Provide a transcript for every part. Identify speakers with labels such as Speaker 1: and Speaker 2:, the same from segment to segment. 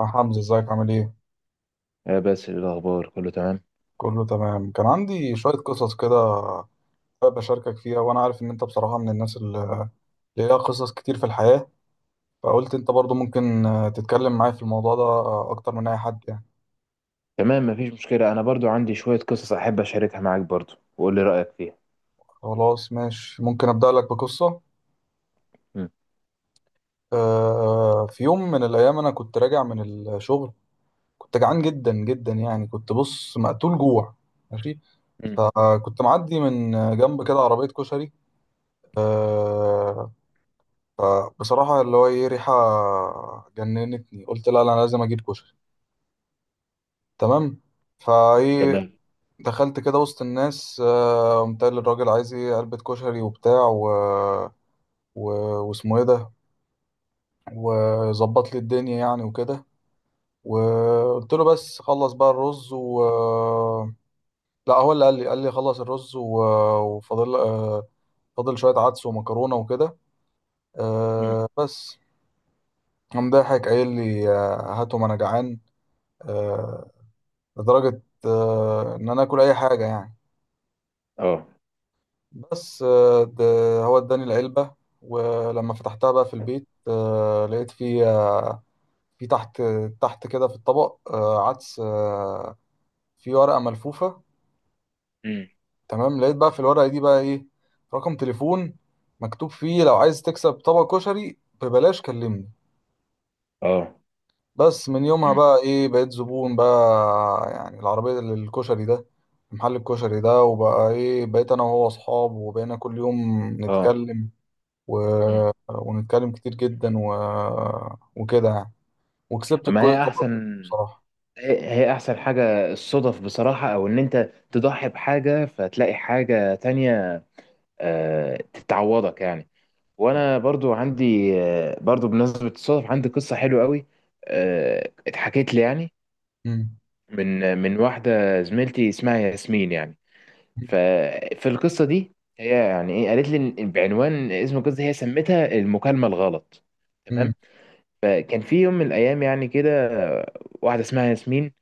Speaker 1: يا حمزة، ازيك عامل ايه؟
Speaker 2: يا باسل، إيه الاخبار؟ كله تمام؟
Speaker 1: كله تمام. كان عندي شوية قصص كده، حابب أشاركك فيها، وأنا عارف إن أنت بصراحة من الناس اللي ليها قصص كتير في الحياة. فقلت أنت برضو ممكن تتكلم معايا في الموضوع ده أكتر من أي حد يعني.
Speaker 2: تمام. مفيش مشكله. انا برضو عندي شويه قصص احب اشاركها معاك برضو وقول لي رايك فيها.
Speaker 1: خلاص ماشي، ممكن أبدأ لك بقصة.
Speaker 2: مم.
Speaker 1: آه، في يوم من الأيام أنا كنت راجع من الشغل، كنت جعان جدا جدا، يعني كنت بص مقتول جوع، ماشي.
Speaker 2: مم.
Speaker 1: فكنت معدي من جنب كده عربية كشري. آه، فبصراحة اللي هو ايه، ريحة جننتني. قلت لا لا، انا لازم اجيب كشري، تمام. فايه،
Speaker 2: تمام.
Speaker 1: دخلت كده وسط الناس. قمت قايل للراجل عايز ايه، علبة كشري وبتاع، و... واسمه ايه ده، وظبط لي الدنيا يعني وكده. وقلت له بس خلص بقى الرز، و لا هو اللي قال لي خلص الرز وفاضل، فاضل شوية عدس ومكرونة وكده،
Speaker 2: مم.
Speaker 1: بس. قام ضاحك قايل لي هاتهم انا جعان، آه، لدرجة إن أنا آكل أي حاجة يعني.
Speaker 2: اه.
Speaker 1: بس ده هو إداني العلبة. ولما فتحتها بقى في البيت، لقيت في في تحت، تحت كده في الطبق، عدس، في ورقة ملفوفة.
Speaker 2: مم.
Speaker 1: تمام، لقيت بقى في الورقة دي بقى إيه، رقم تليفون مكتوب فيه: لو عايز تكسب طبق كشري ببلاش كلمني.
Speaker 2: اه.
Speaker 1: بس من يومها
Speaker 2: مم.
Speaker 1: بقى ايه، بقيت زبون بقى يعني العربية الكشري ده، محل الكشري ده. وبقى ايه، بقيت انا وهو اصحاب، وبقينا كل يوم
Speaker 2: اه.
Speaker 1: نتكلم، و...
Speaker 2: مم.
Speaker 1: ونتكلم كتير جدا، وكده يعني. وكسبت
Speaker 2: اما هي
Speaker 1: الكويت طبعا،
Speaker 2: احسن.
Speaker 1: بصراحة.
Speaker 2: هي احسن حاجه الصدف بصراحه، او ان انت تضحي بحاجه فتلاقي حاجه تانية تتعوضك يعني. وانا برضو عندي برضو بمناسبه الصدف عندي قصه حلوه قوي. اتحكيت لي يعني،
Speaker 1: مم.
Speaker 2: من واحدة زميلتي اسمها ياسمين يعني. ففي القصة دي هي يعني ايه، قالت لي بعنوان اسم القصة هي سمتها المكالمة الغلط.
Speaker 1: مم.
Speaker 2: تمام. فكان في يوم من الأيام يعني كده، واحدة اسمها ياسمين،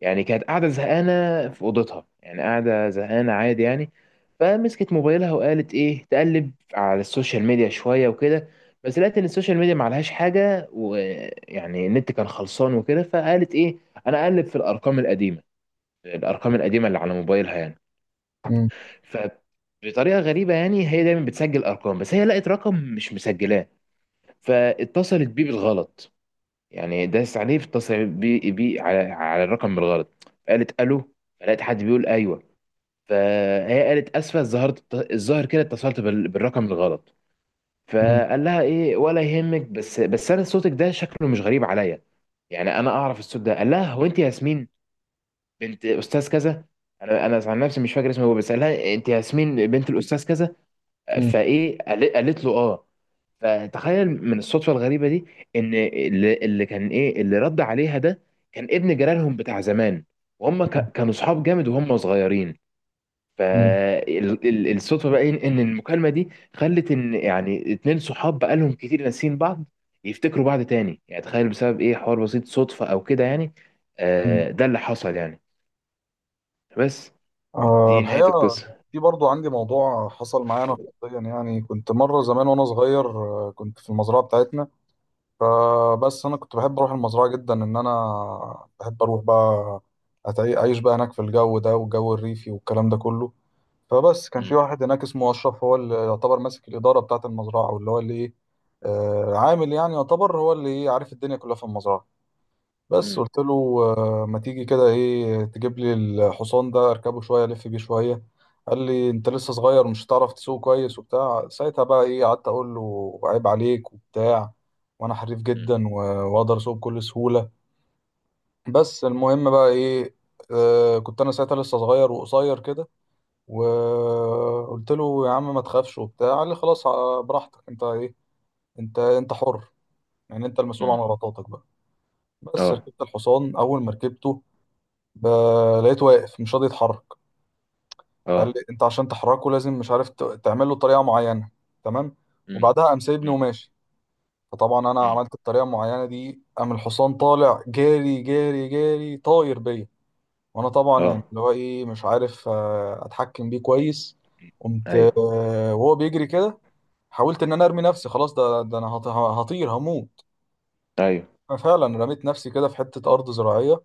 Speaker 2: يعني كانت قاعدة زهقانة في أوضتها، يعني قاعدة زهقانة عادي يعني. فمسكت موبايلها وقالت ايه، تقلب على السوشيال ميديا شوية وكده. بس لقيت ان السوشيال ميديا معلهاش حاجة ويعني النت كان خلصان وكده، فقالت ايه، انا اقلب في الارقام القديمة، الارقام
Speaker 1: مم.
Speaker 2: القديمه اللي على موبايلها يعني.
Speaker 1: مم.
Speaker 2: فبطريقه غريبه يعني، هي دايما بتسجل ارقام، بس هي لقت رقم مش مسجلاه، فاتصلت بيه بالغلط. يعني داس عليه فاتصل بيه على الرقم بالغلط. قالت الو، فلقيت حد بيقول ايوه. فهي قالت اسفه، ظهرت الظاهر كده اتصلت بالرقم الغلط.
Speaker 1: مم.
Speaker 2: فقال لها ايه ولا يهمك، بس انا صوتك ده شكله مش غريب عليا، يعني انا اعرف الصوت ده. قال لها هو انت ياسمين، بنت استاذ كذا. انا عن نفسي مش فاكر اسمه هو، بس قالها انت ياسمين بنت الاستاذ كذا. فايه قالت له اه. فتخيل من الصدفه الغريبه دي ان اللي كان ايه اللي رد عليها ده، كان ابن جيرانهم بتاع زمان، وهم كانوا صحاب جامد وهم صغيرين.
Speaker 1: مم.
Speaker 2: فالصدفه بقى إيه؟ ان المكالمه دي خلت ان يعني اتنين صحاب بقالهم كتير ناسيين بعض يفتكروا بعض تاني. يعني تخيل بسبب ايه، حوار بسيط صدفه او كده يعني.
Speaker 1: مم.
Speaker 2: ده اللي حصل يعني. بس
Speaker 1: آه،
Speaker 2: دي نهاية
Speaker 1: الحقيقة
Speaker 2: القصة.
Speaker 1: في برضو عندي موضوع حصل معايا أنا شخصيا. يعني كنت مرة زمان وأنا صغير، كنت في المزرعة بتاعتنا. فبس انا كنت بحب اروح المزرعه جدا، ان انا بحب اروح بقى اعيش بقى هناك في الجو ده، والجو الريفي والكلام ده كله. فبس كان في
Speaker 2: مم.
Speaker 1: واحد هناك اسمه اشرف، هو اللي يعتبر ماسك الاداره بتاعه المزرعه، واللي هو اللي ايه، عامل يعني، يعتبر هو اللي عارف الدنيا كلها في المزرعه. بس
Speaker 2: مم.
Speaker 1: قلت له ما تيجي كده ايه، تجيب لي الحصان ده اركبه شويه، الف بيه شويه. قال لي انت لسه صغير مش هتعرف تسوق كويس وبتاع. ساعتها بقى ايه، قعدت اقول له عيب عليك وبتاع، وانا حريف
Speaker 2: مم.
Speaker 1: جدا واقدر اسوق بكل سهوله. بس المهم بقى ايه، آه كنت انا ساعتها لسه صغير وقصير كده. وقلت له يا عم ما تخافش وبتاع. قال لي خلاص براحتك، انت ايه، انت انت حر، يعني انت المسؤول عن
Speaker 2: مم.
Speaker 1: غلطاتك بقى. بس
Speaker 2: اه.
Speaker 1: ركبت الحصان، اول ما ركبته ب- لقيته واقف مش راضي يتحرك. فقال لي
Speaker 2: اه.
Speaker 1: انت عشان تحركه لازم مش عارف تعمل له طريقه معينه، تمام.
Speaker 2: مم.
Speaker 1: وبعدها قام سايبني
Speaker 2: مم.
Speaker 1: وماشي. فطبعا انا
Speaker 2: مم.
Speaker 1: عملت الطريقه المعينه دي، قام الحصان طالع جاري جاري جاري، طاير بيا. وانا طبعا يعني
Speaker 2: اه.
Speaker 1: اللي هو ايه، مش عارف اتحكم بيه كويس. قمت
Speaker 2: ايوه.
Speaker 1: وهو بيجري كده. حاولت ان انا ارمي نفسي، خلاص ده انا هطير هموت.
Speaker 2: ايوه.
Speaker 1: فعلا رميت نفسي كده في حته ارض زراعيه،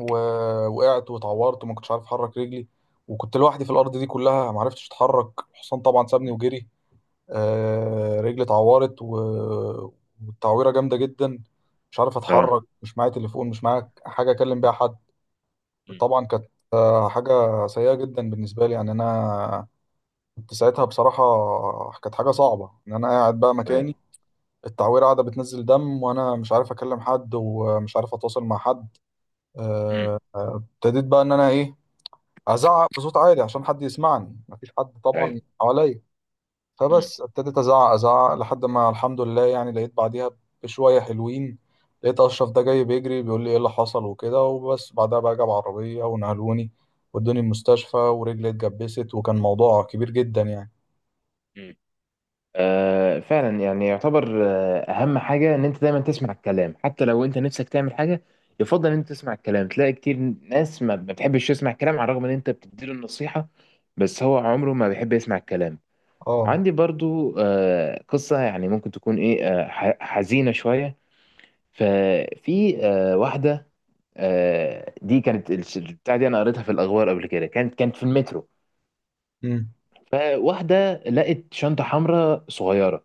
Speaker 1: ووقعت واتعورت، وما كنتش عارف احرك رجلي. وكنت لوحدي في الارض دي كلها، ما عرفتش اتحرك. الحصان طبعا سابني
Speaker 2: مم.
Speaker 1: وجري. آه، رجلي اتعورت والتعويره جامده جدا، مش عارف
Speaker 2: اه.
Speaker 1: اتحرك، مش معايا تليفون، مش معايا حاجه اكلم بيها حد.
Speaker 2: مم.
Speaker 1: طبعا كانت حاجه سيئه جدا بالنسبه لي. يعني انا كنت ساعتها بصراحه، كانت حاجه صعبه ان انا قاعد بقى
Speaker 2: ايوه.
Speaker 1: مكاني، التعويره قاعده بتنزل دم، وانا مش عارف اكلم حد ومش عارف اتواصل مع حد.
Speaker 2: مم.
Speaker 1: آه، ابتديت بقى ان انا ايه، ازعق بصوت عالي عشان حد يسمعني، مفيش حد
Speaker 2: ايوه.
Speaker 1: طبعا حواليا.
Speaker 2: مم.
Speaker 1: فبس ابتديت ازعق ازعق لحد ما الحمد لله، يعني لقيت بعديها بشويه حلوين، لقيت اشرف ده جاي بيجري بيقول لي ايه اللي حصل وكده. وبس بعدها بقى جاب عربيه ونقلوني ودوني المستشفى، ورجلي اتجبست، وكان موضوع كبير جدا يعني.
Speaker 2: مم. فعلا يعني يعتبر اهم حاجة ان انت دايما تسمع الكلام، حتى لو انت نفسك تعمل حاجة يفضل ان انت تسمع الكلام. تلاقي كتير ناس ما بتحبش تسمع الكلام على الرغم ان انت بتديله النصيحة، بس هو عمره ما بيحب يسمع الكلام.
Speaker 1: اه.
Speaker 2: عندي برضو قصة يعني ممكن تكون ايه، حزينة شوية. ففي واحده، دي كانت البتاع دي انا قريتها في الاخبار قبل كده، كانت في المترو.
Speaker 1: مم.
Speaker 2: فواحده لقت شنطه حمراء صغيره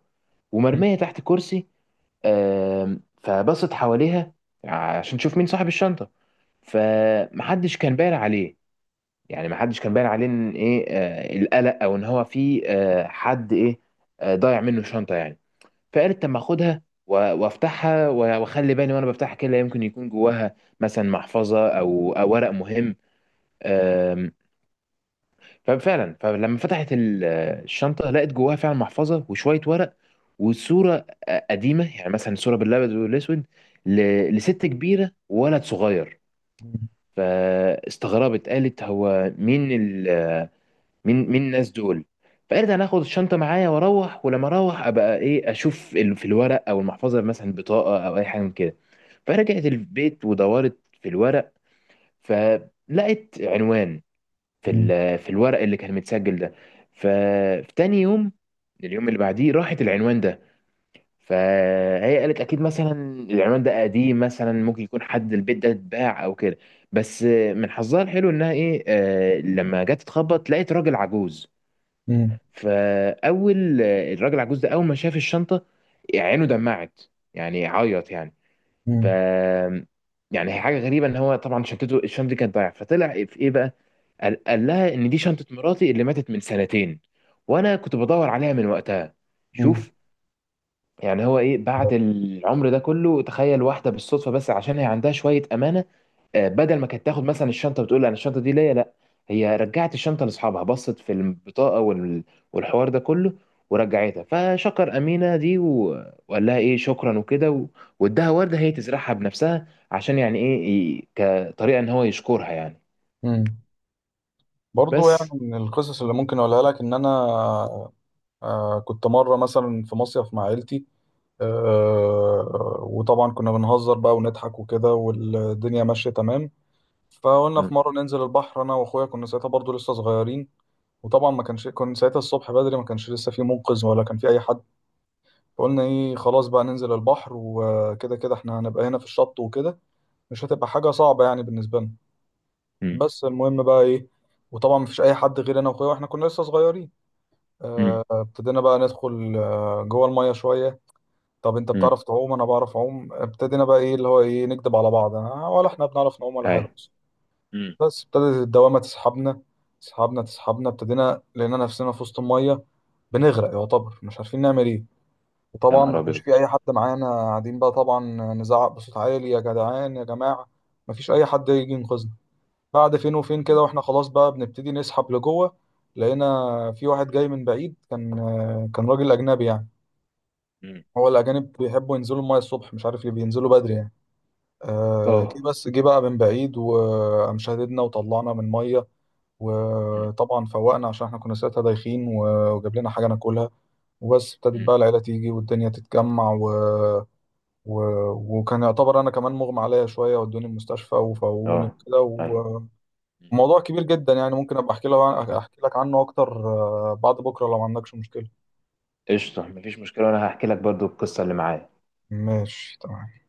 Speaker 1: مم.
Speaker 2: ومرميه تحت كرسي. فبصت حواليها عشان تشوف مين صاحب الشنطه. فمحدش كان باين عليه، يعني محدش كان باين عليه ان ايه، القلق او ان هو في حد ايه ضايع منه شنطه يعني. فقالت طب ما اخدها وافتحها واخلي بالي، وانا بفتحها كده لا يمكن يكون جواها مثلا محفظه او ورق مهم. أم، ففعلا فلما فتحت الشنطه لقت جواها فعلا محفظه وشويه ورق وصوره قديمه، يعني مثلا صوره بالابيض والاسود لست كبيره وولد صغير.
Speaker 1: مم.
Speaker 2: فاستغربت قالت هو مين، مين الناس دول؟ فارجع ناخد الشنطه معايا واروح، ولما اروح ابقى ايه، اشوف في الورق او المحفظه مثلا بطاقه او اي حاجه من كده. فرجعت البيت ودورت في الورق، فلقيت عنوان في في الورق اللي كان متسجل ده. ففي تاني يوم، اليوم اللي بعديه، راحت العنوان ده. فهي قالت اكيد مثلا العنوان ده قديم، مثلا ممكن يكون حد البيت ده اتباع او كده. بس من حظها الحلو انها ايه، لما جت تخبط لقيت راجل عجوز.
Speaker 1: مم.
Speaker 2: فاول الراجل العجوز ده اول ما شاف الشنطه عينه دمعت، يعني عيط يعني. ف
Speaker 1: مم.
Speaker 2: يعني هي حاجه غريبه ان هو طبعا، الشنطه دي كانت ضايعه، فطلع في ايه بقى، قال لها ان دي شنطه مراتي اللي ماتت من سنتين وانا كنت بدور عليها من وقتها.
Speaker 1: مم.
Speaker 2: شوف، يعني هو ايه بعد العمر ده كله. تخيل واحده بالصدفه بس عشان هي عندها شويه امانه، بدل ما كانت تاخد مثلا الشنطه بتقول انا الشنطه دي ليا، لا، هي رجعت الشنطه لاصحابها، بصت في البطاقه والحوار ده كله ورجعتها. فشكر امينه دي وقال لها ايه شكرا وكده واداها ورده هي تزرعها بنفسها عشان يعني ايه، كطريقه ان هو يشكرها يعني.
Speaker 1: مم. برضو يعني
Speaker 2: بس.
Speaker 1: من القصص اللي ممكن اقولها لك ان انا آه كنت مره مثلا في مصيف مع عيلتي. وطبعا كنا بنهزر بقى ونضحك وكده والدنيا ماشية تمام. فقلنا
Speaker 2: مم.
Speaker 1: في مرة ننزل البحر أنا وأخويا، كنا ساعتها برضو لسه صغيرين. وطبعا ما كانش كنا ساعتها الصبح بدري، ما كانش لسه في منقذ ولا كان في أي حد. فقلنا إيه، خلاص بقى ننزل البحر، وكده كده إحنا هنبقى هنا في الشط وكده، مش هتبقى حاجة صعبة يعني بالنسبة لنا.
Speaker 2: مم.
Speaker 1: بس المهم بقى إيه، وطبعا مفيش أي حد غير أنا وأخويا وإحنا كنا لسه صغيرين.
Speaker 2: مم.
Speaker 1: آه، ابتدينا بقى ندخل جوه المية شوية. طب انت
Speaker 2: مم.
Speaker 1: بتعرف تعوم، انا بعرف اعوم. ابتدينا بقى ايه اللي هو ايه، نكدب على بعض انا ولا احنا بنعرف نعوم ولا حاجه،
Speaker 2: ايوه.
Speaker 1: بس.
Speaker 2: مم.
Speaker 1: بس ابتدت الدوامه تسحبنا، تسحبنا تسحبنا. ابتدينا لقينا نفسنا في وسط الميه بنغرق يعتبر، مش عارفين نعمل ايه.
Speaker 2: يا
Speaker 1: وطبعا
Speaker 2: نهار
Speaker 1: ما كانش
Speaker 2: ابيض!
Speaker 1: في اي حد معانا. قاعدين بقى طبعا نزعق بصوت عالي، يا جدعان يا جماعه، ما فيش اي حد يجي ينقذنا. بعد فين وفين كده،
Speaker 2: مم.
Speaker 1: واحنا خلاص بقى بنبتدي نسحب لجوه، لقينا في واحد جاي من بعيد، كان راجل اجنبي يعني.
Speaker 2: مم.
Speaker 1: هو الأجانب بيحبوا ينزلوا الماية الصبح، مش عارف ليه بينزلوا بدري يعني. آه جه،
Speaker 2: اه.
Speaker 1: بس جه بقى من بعيد، وقام شاددنا وطلعنا من مية.
Speaker 2: مم.
Speaker 1: وطبعا فوقنا عشان احنا كنا ساعتها دايخين، وجاب لنا حاجة ناكلها. وبس ابتدت
Speaker 2: مم.
Speaker 1: بقى العيلة تيجي والدنيا تتجمع و... وكان يعتبر أنا كمان مغمى عليا شوية، ودوني المستشفى وفوقوني
Speaker 2: اه.
Speaker 1: وكده
Speaker 2: ايوه.
Speaker 1: وموضوع كبير جدا يعني. ممكن أبقى أحكي لك، أحكي لك عنه أكتر بعد بكرة لو ما عندكش مشكلة.
Speaker 2: قشطة، مفيش مشكلة وأنا هحكي لك برضو القصة اللي معايا.
Speaker 1: ماشي تمام.